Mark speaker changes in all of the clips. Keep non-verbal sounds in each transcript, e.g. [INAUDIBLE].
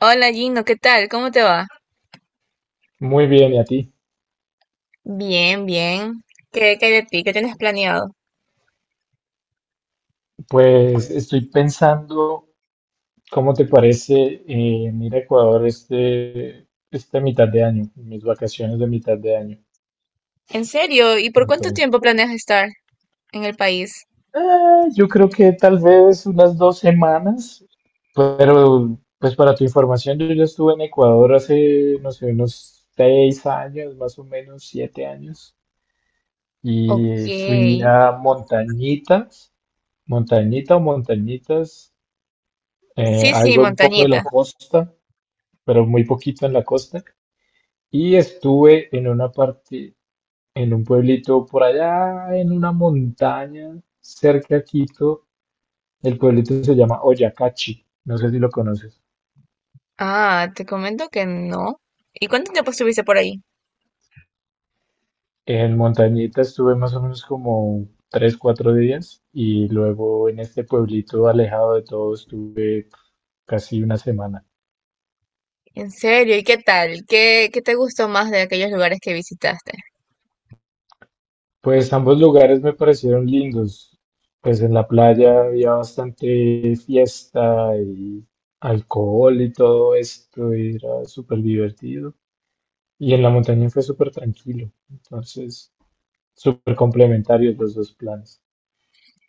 Speaker 1: Hola Gino, ¿qué tal? ¿Cómo te va?
Speaker 2: Muy bien, ¿y a ti?
Speaker 1: Bien, bien. ¿Qué hay de ti? ¿Qué tienes planeado?
Speaker 2: Pues estoy pensando, ¿cómo te parece en ir a Ecuador esta mitad de año, mis vacaciones de mitad de año?
Speaker 1: ¿En serio? ¿Y por cuánto
Speaker 2: Entonces,
Speaker 1: tiempo planeas estar en el país?
Speaker 2: yo creo que tal vez unas 2 semanas, pero pues para tu información, yo ya estuve en Ecuador hace, no sé, unos 6 años, más o menos 7 años,
Speaker 1: Ok.
Speaker 2: y fui
Speaker 1: Sí,
Speaker 2: a Montañitas, Montañita o Montañitas,
Speaker 1: sí,
Speaker 2: algo un poco de
Speaker 1: montañita.
Speaker 2: la costa. Pero muy poquito en la costa. Y estuve en una parte, en un pueblito por allá, en una montaña cerca a Quito. El pueblito se llama Oyacachi, no sé si lo conoces.
Speaker 1: Ah, te comento que no. ¿Y cuánto tiempo estuviste por ahí?
Speaker 2: En Montañita estuve más o menos como 3, 4 días y luego en este pueblito alejado de todo estuve casi una semana.
Speaker 1: ¿En serio? ¿Y qué tal? ¿Qué te gustó más de aquellos lugares que visitaste?
Speaker 2: Pues ambos lugares me parecieron lindos. Pues en la playa había bastante fiesta y alcohol y todo esto, y era súper divertido. Y en la montaña fue súper tranquilo. Entonces, súper complementarios los dos planes.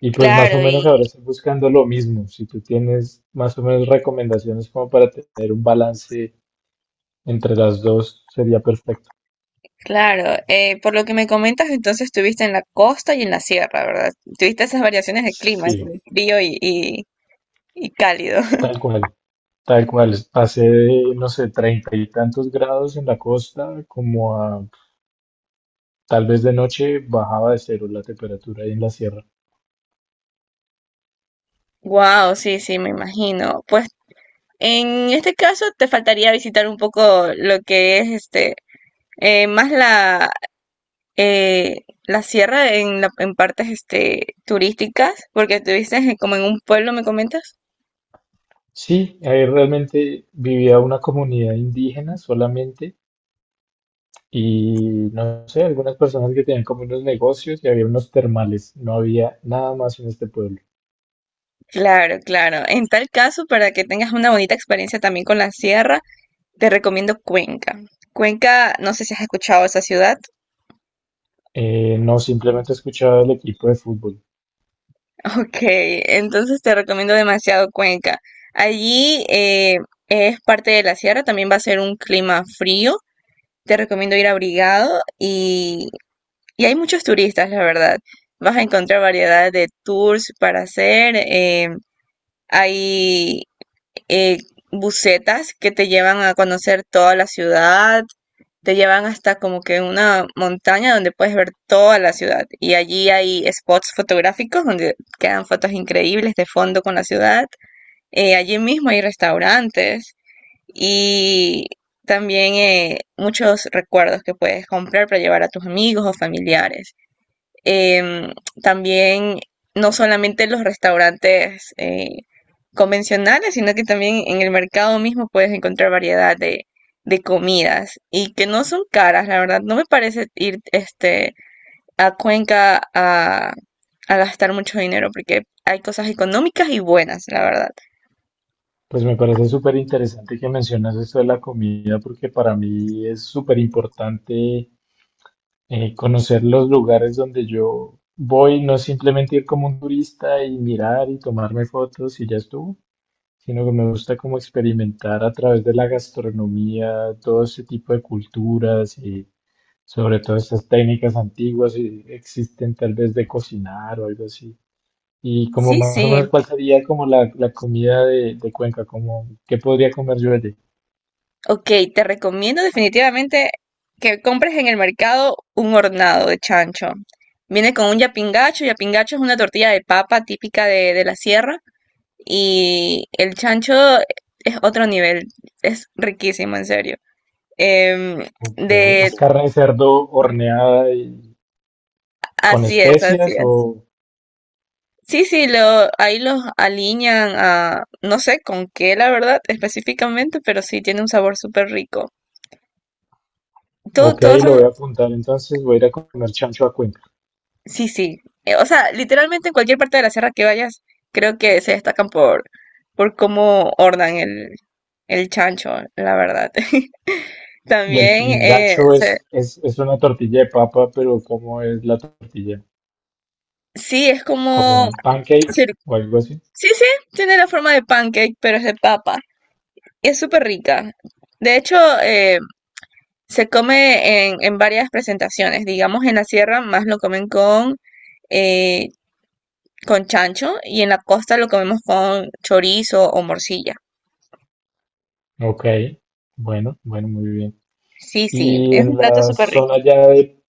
Speaker 2: Y pues más o
Speaker 1: Claro,
Speaker 2: menos ahora
Speaker 1: y
Speaker 2: estoy buscando lo mismo. Si tú tienes más o menos recomendaciones como para tener un balance entre las dos, sería perfecto.
Speaker 1: claro, por lo que me comentas, entonces estuviste en la costa y en la sierra, ¿verdad? Tuviste esas variaciones de clima,
Speaker 2: Sí,
Speaker 1: entre frío y y- cálido.
Speaker 2: tal cual. Tal cual, pasé de, no sé, treinta y tantos grados en la costa, como a tal vez de noche bajaba de cero la temperatura ahí en la sierra.
Speaker 1: Wow, sí, sí, me imagino. Pues en este caso te faltaría visitar un poco lo que es este más la eh, la sierra en en partes este turísticas, porque estuviste en- como en un pueblo, ¿me comentas?
Speaker 2: Sí, ahí realmente vivía una comunidad indígena solamente y no sé, algunas personas que tenían como unos negocios y había unos termales, no había nada más en este pueblo.
Speaker 1: Claro, claro. En tal caso, para que tengas una bonita experiencia también con la sierra, te recomiendo Cuenca. Cuenca, no sé si has escuchado esa ciudad.
Speaker 2: No, simplemente escuchaba el equipo de fútbol.
Speaker 1: Ok, entonces te recomiendo demasiado Cuenca. Allí es parte de la sierra, también va a ser un clima frío. Te recomiendo ir abrigado y hay muchos turistas, la verdad. Vas a encontrar variedad de tours para hacer. Hay eh, busetas que te llevan a conocer toda la ciudad te llevan hasta como que una montaña donde puedes ver toda la ciudad. Y allí hay spots fotográficos donde quedan fotos increíbles de fondo con la ciudad. Allí mismo hay restaurantes y también muchos recuerdos que puedes comprar para llevar a tus amigos o familiares. Em, también no solamente los restaurantes convencionales, sino que también en el mercado mismo puedes encontrar variedad de comidas y que no son caras, la verdad. No me parece ir este, a Cuenca a gastar mucho dinero porque hay cosas económicas y buenas, la verdad.
Speaker 2: Pues me parece súper interesante que mencionas esto de la comida porque para mí es súper importante conocer los lugares donde yo voy, no simplemente ir como un turista y mirar y tomarme fotos y ya estuvo, sino que me gusta como experimentar a través de la gastronomía, todo ese tipo de culturas y sobre todo estas técnicas antiguas que existen tal vez de cocinar o algo así. Y como
Speaker 1: Sí,
Speaker 2: más o
Speaker 1: sí.
Speaker 2: menos cuál sería como la comida de Cuenca, como qué podría comer yo allí.
Speaker 1: Ok, te recomiendo definitivamente que compres en el mercado un hornado de chancho. Viene con un yapingacho. Yapingacho es una tortilla de papa típica de la sierra. Y el chancho es otro nivel. Es riquísimo, en serio. Em,
Speaker 2: Ok,
Speaker 1: de,
Speaker 2: ¿es carne de cerdo horneada y con
Speaker 1: así es, así
Speaker 2: especias
Speaker 1: es.
Speaker 2: o?
Speaker 1: Sí, sí, lo, ahí los aliñan a, no sé con qué, la verdad, específicamente, pero sí tiene un sabor súper rico.
Speaker 2: Ok,
Speaker 1: Todas
Speaker 2: lo
Speaker 1: esas
Speaker 2: voy a apuntar entonces, voy a ir a comer chancho a Cuenca.
Speaker 1: Sí, sí. O sea, literalmente en cualquier parte de la sierra que vayas, creo que se destacan por cómo ordan el chancho, la verdad. [LAUGHS]
Speaker 2: Y el
Speaker 1: También,
Speaker 2: pingacho
Speaker 1: se-
Speaker 2: es una tortilla de papa, pero ¿cómo es la tortilla?
Speaker 1: sí, es
Speaker 2: ¿Como
Speaker 1: como...
Speaker 2: un pancake
Speaker 1: cir-
Speaker 2: o algo así?
Speaker 1: Sí, sí, tiene la forma de pancake, pero es de papa. Es súper rica. De hecho, eh, se come en varias presentaciones. Digamos, en la sierra más lo comen eh, con chancho y en la costa lo comemos con chorizo o morcilla.
Speaker 2: Ok, bueno, bueno, muy bien.
Speaker 1: Sí, sí,
Speaker 2: Y
Speaker 1: es
Speaker 2: en
Speaker 1: un plato
Speaker 2: la
Speaker 1: súper rico.
Speaker 2: zona ya de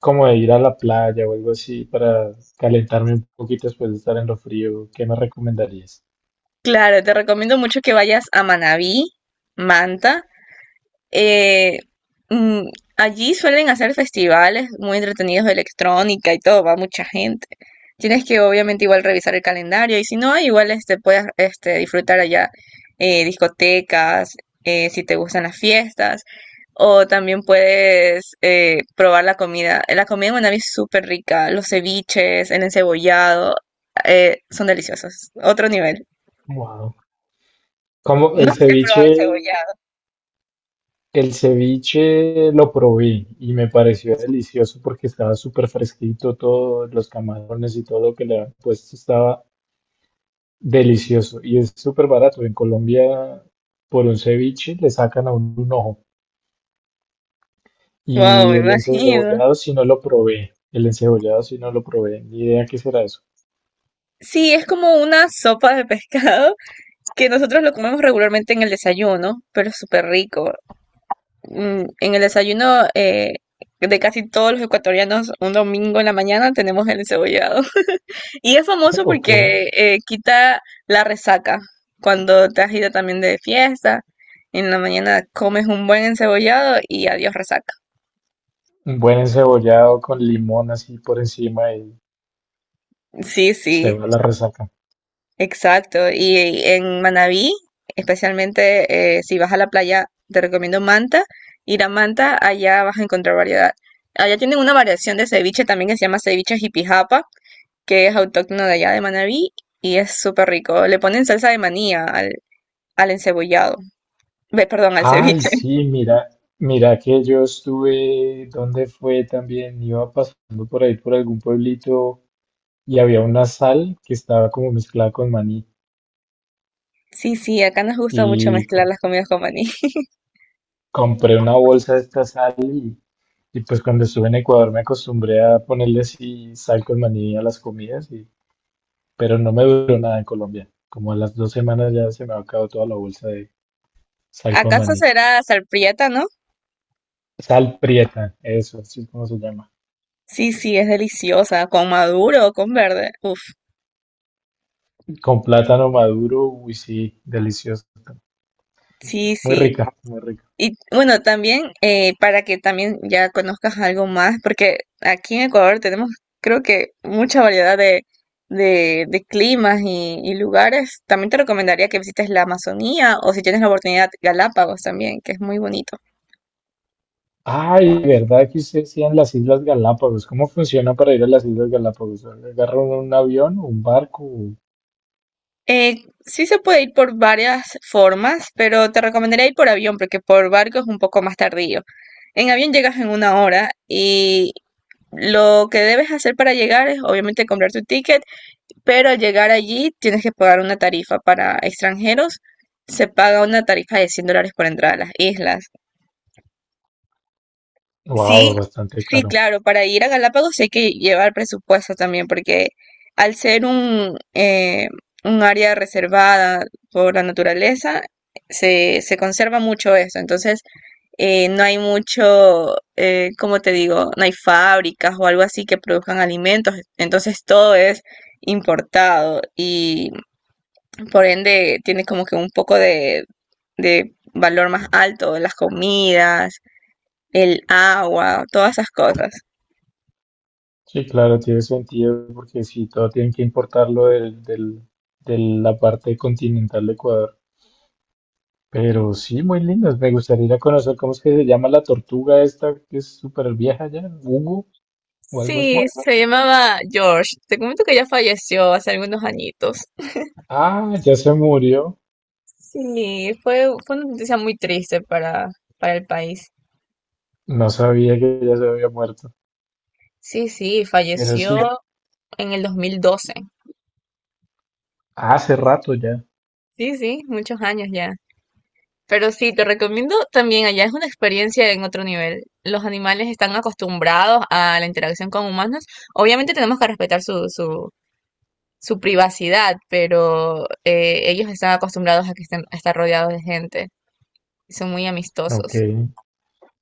Speaker 2: como de ir a la playa o algo así para calentarme un poquito después de estar en lo frío, ¿qué me recomendarías?
Speaker 1: Claro, te recomiendo mucho que vayas a Manabí, Manta Eh, mm, allí suelen hacer festivales muy entretenidos de electrónica y todo, va mucha gente. Tienes que obviamente igual revisar el calendario y si no, igual este, puedes este, disfrutar allá discotecas, si te gustan las fiestas, o también puedes probar la comida. La comida en Manabí es súper rica, los ceviches, el encebollado, son deliciosos, otro nivel.
Speaker 2: Wow. Como el
Speaker 1: No sé si has probado
Speaker 2: ceviche.
Speaker 1: encebollado.
Speaker 2: El ceviche lo probé y me pareció delicioso porque estaba súper fresquito, todos los camarones y todo lo que le han puesto estaba delicioso y es súper barato. En Colombia, por un ceviche le sacan a uno un ojo.
Speaker 1: Wow, me
Speaker 2: Y el
Speaker 1: imagino.
Speaker 2: encebollado si no lo probé. El encebollado si no lo probé. Ni idea qué será eso.
Speaker 1: Sí, es como una sopa de pescado [LAUGHS] que nosotros lo comemos regularmente en el desayuno, pero es súper rico. En el desayuno de casi todos los ecuatorianos, un domingo en la mañana tenemos el encebollado. [LAUGHS] Y es famoso
Speaker 2: [LAUGHS] Ok.
Speaker 1: porque quita la resaca. Cuando te has ido también de fiesta, en la mañana comes un buen encebollado y adiós resaca.
Speaker 2: Un buen encebollado con limón así por encima y
Speaker 1: Sí,
Speaker 2: se
Speaker 1: sí.
Speaker 2: va la resaca.
Speaker 1: Exacto, y en Manabí, especialmente si vas a la playa, te recomiendo Manta. Ir a Manta, allá vas a encontrar variedad. Allá tienen una variación de ceviche también que se llama ceviche jipijapa, que es autóctono de allá de Manabí y es súper rico. Le ponen salsa de manía al encebollado, Ve, perdón, al
Speaker 2: Ay,
Speaker 1: ceviche. [LAUGHS]
Speaker 2: sí, mira, mira que yo estuve, ¿dónde fue también? Iba pasando por ahí, por algún pueblito, y había una sal que estaba como mezclada con maní.
Speaker 1: Sí, sí, acá nos gusta mucho
Speaker 2: Y
Speaker 1: mezclar las comidas con maní. [LAUGHS]
Speaker 2: compré una bolsa de esta sal y pues cuando estuve en Ecuador me acostumbré a ponerle así sal con maní a las comidas, y, pero no me duró nada en Colombia. Como a las 2 semanas ya se me ha acabado toda la bolsa de sal con
Speaker 1: ¿Acaso
Speaker 2: maní.
Speaker 1: será salprieta, no?
Speaker 2: Sal prieta, eso, así es como se llama.
Speaker 1: Sí, sí, es deliciosa, con maduro o con verde. Uf,
Speaker 2: Con plátano maduro, uy, sí, delicioso.
Speaker 1: sí,
Speaker 2: Muy
Speaker 1: sí.
Speaker 2: rica, muy rica.
Speaker 1: Y bueno, también para que también ya conozcas algo más, porque aquí en Ecuador tenemos creo que mucha variedad de climas y lugares. También te recomendaría que visites la Amazonía o si tienes la oportunidad Galápagos también, que es muy bonito.
Speaker 2: Ay, ¿verdad que usted decía en las Islas Galápagos? ¿Cómo funciona para ir a las Islas Galápagos? ¿Agarra uno un avión un barco?
Speaker 1: Eh, sí se puede ir por varias formas, pero te recomendaría ir por avión porque por barco es un poco más tardío. En avión llegas en una hora y lo que debes hacer para llegar es obviamente comprar tu ticket pero al llegar allí tienes que pagar una tarifa para extranjeros, se paga una tarifa de $100 por entrar a las islas.
Speaker 2: Wow,
Speaker 1: Sí,
Speaker 2: bastante
Speaker 1: sí,
Speaker 2: caro.
Speaker 1: claro, para ir a Galápagos hay que llevar presupuesto también, porque al ser un área reservada por la naturaleza, se conserva mucho eso, entonces no hay mucho, ¿cómo te digo? No hay fábricas o algo así que produzcan alimentos, entonces todo es importado y Por ende, tiene como que un poco de valor más alto, las comidas, el agua, todas esas cosas.
Speaker 2: Sí, claro, tiene sentido porque si todo tienen que importarlo de la parte continental de Ecuador. Pero sí, muy lindas. Me gustaría ir a conocer cómo es que se llama la tortuga esta que es súper vieja ya, Hugo o algo
Speaker 1: Sí,
Speaker 2: así.
Speaker 1: se llamaba George. Te comento que ya falleció hace algunos añitos.
Speaker 2: Ah, ya se murió.
Speaker 1: Sí, fue una noticia muy triste para el país.
Speaker 2: No sabía que ya se había muerto,
Speaker 1: Sí, sí,
Speaker 2: pero
Speaker 1: falleció
Speaker 2: sí,
Speaker 1: en el 2012.
Speaker 2: hace rato ya.
Speaker 1: Sí, sí, muchos años ya. Pero sí, te recomiendo también allá es una experiencia en otro nivel. Los animales están acostumbrados a la interacción con humanos. Obviamente tenemos que respetar su privacidad, pero ellos están acostumbrados a que estén, a estar rodeados de gente. Son muy
Speaker 2: Ok.
Speaker 1: amistosos.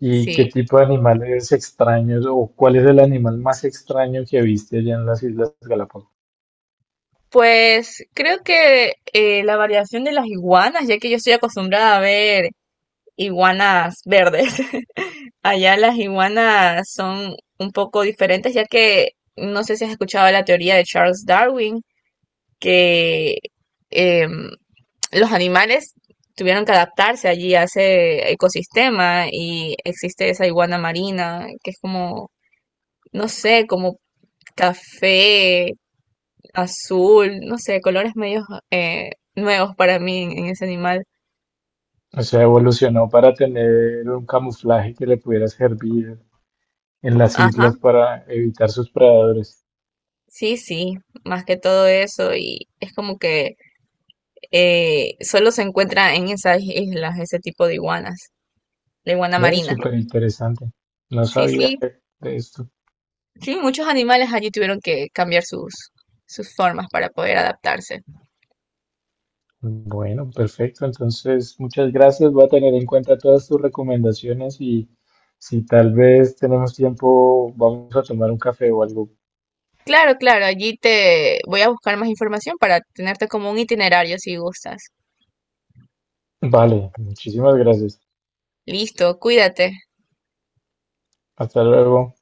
Speaker 2: ¿Y qué
Speaker 1: Sí.
Speaker 2: tipo de animales extraños o cuál es el animal más extraño que viste allá en las Islas Galápagos?
Speaker 1: Pues creo que la variación de las iguanas, ya que yo estoy acostumbrada a ver iguanas verdes. Allá las iguanas son un poco diferentes, ya que no sé si has escuchado la teoría de Charles Darwin, que em, los animales tuvieron que adaptarse allí a ese ecosistema y existe esa iguana marina, que es como, no sé, como café, azul, no sé, colores medios eh, nuevos para mí en ese animal.
Speaker 2: O sea, evolucionó para tener un camuflaje que le pudiera servir en las
Speaker 1: Ajá,
Speaker 2: islas para evitar sus predadores.
Speaker 1: sí, sí, más que todo eso y es como que solo se encuentra en esas islas, ese tipo de iguanas, la iguana
Speaker 2: Ve,
Speaker 1: marina.
Speaker 2: súper interesante. No
Speaker 1: Sí,
Speaker 2: sabía
Speaker 1: sí,
Speaker 2: de esto.
Speaker 1: sí, muchos animales allí tuvieron que cambiar sus, sus formas para poder adaptarse.
Speaker 2: Bueno, perfecto. Entonces, muchas gracias. Voy a tener en cuenta todas tus recomendaciones y si tal vez tenemos tiempo, vamos a tomar un café o algo.
Speaker 1: Claro, claro, allí te voy a buscar más información para tenerte como un itinerario si gustas.
Speaker 2: Vale, muchísimas gracias.
Speaker 1: Listo, cuídate.
Speaker 2: Hasta luego.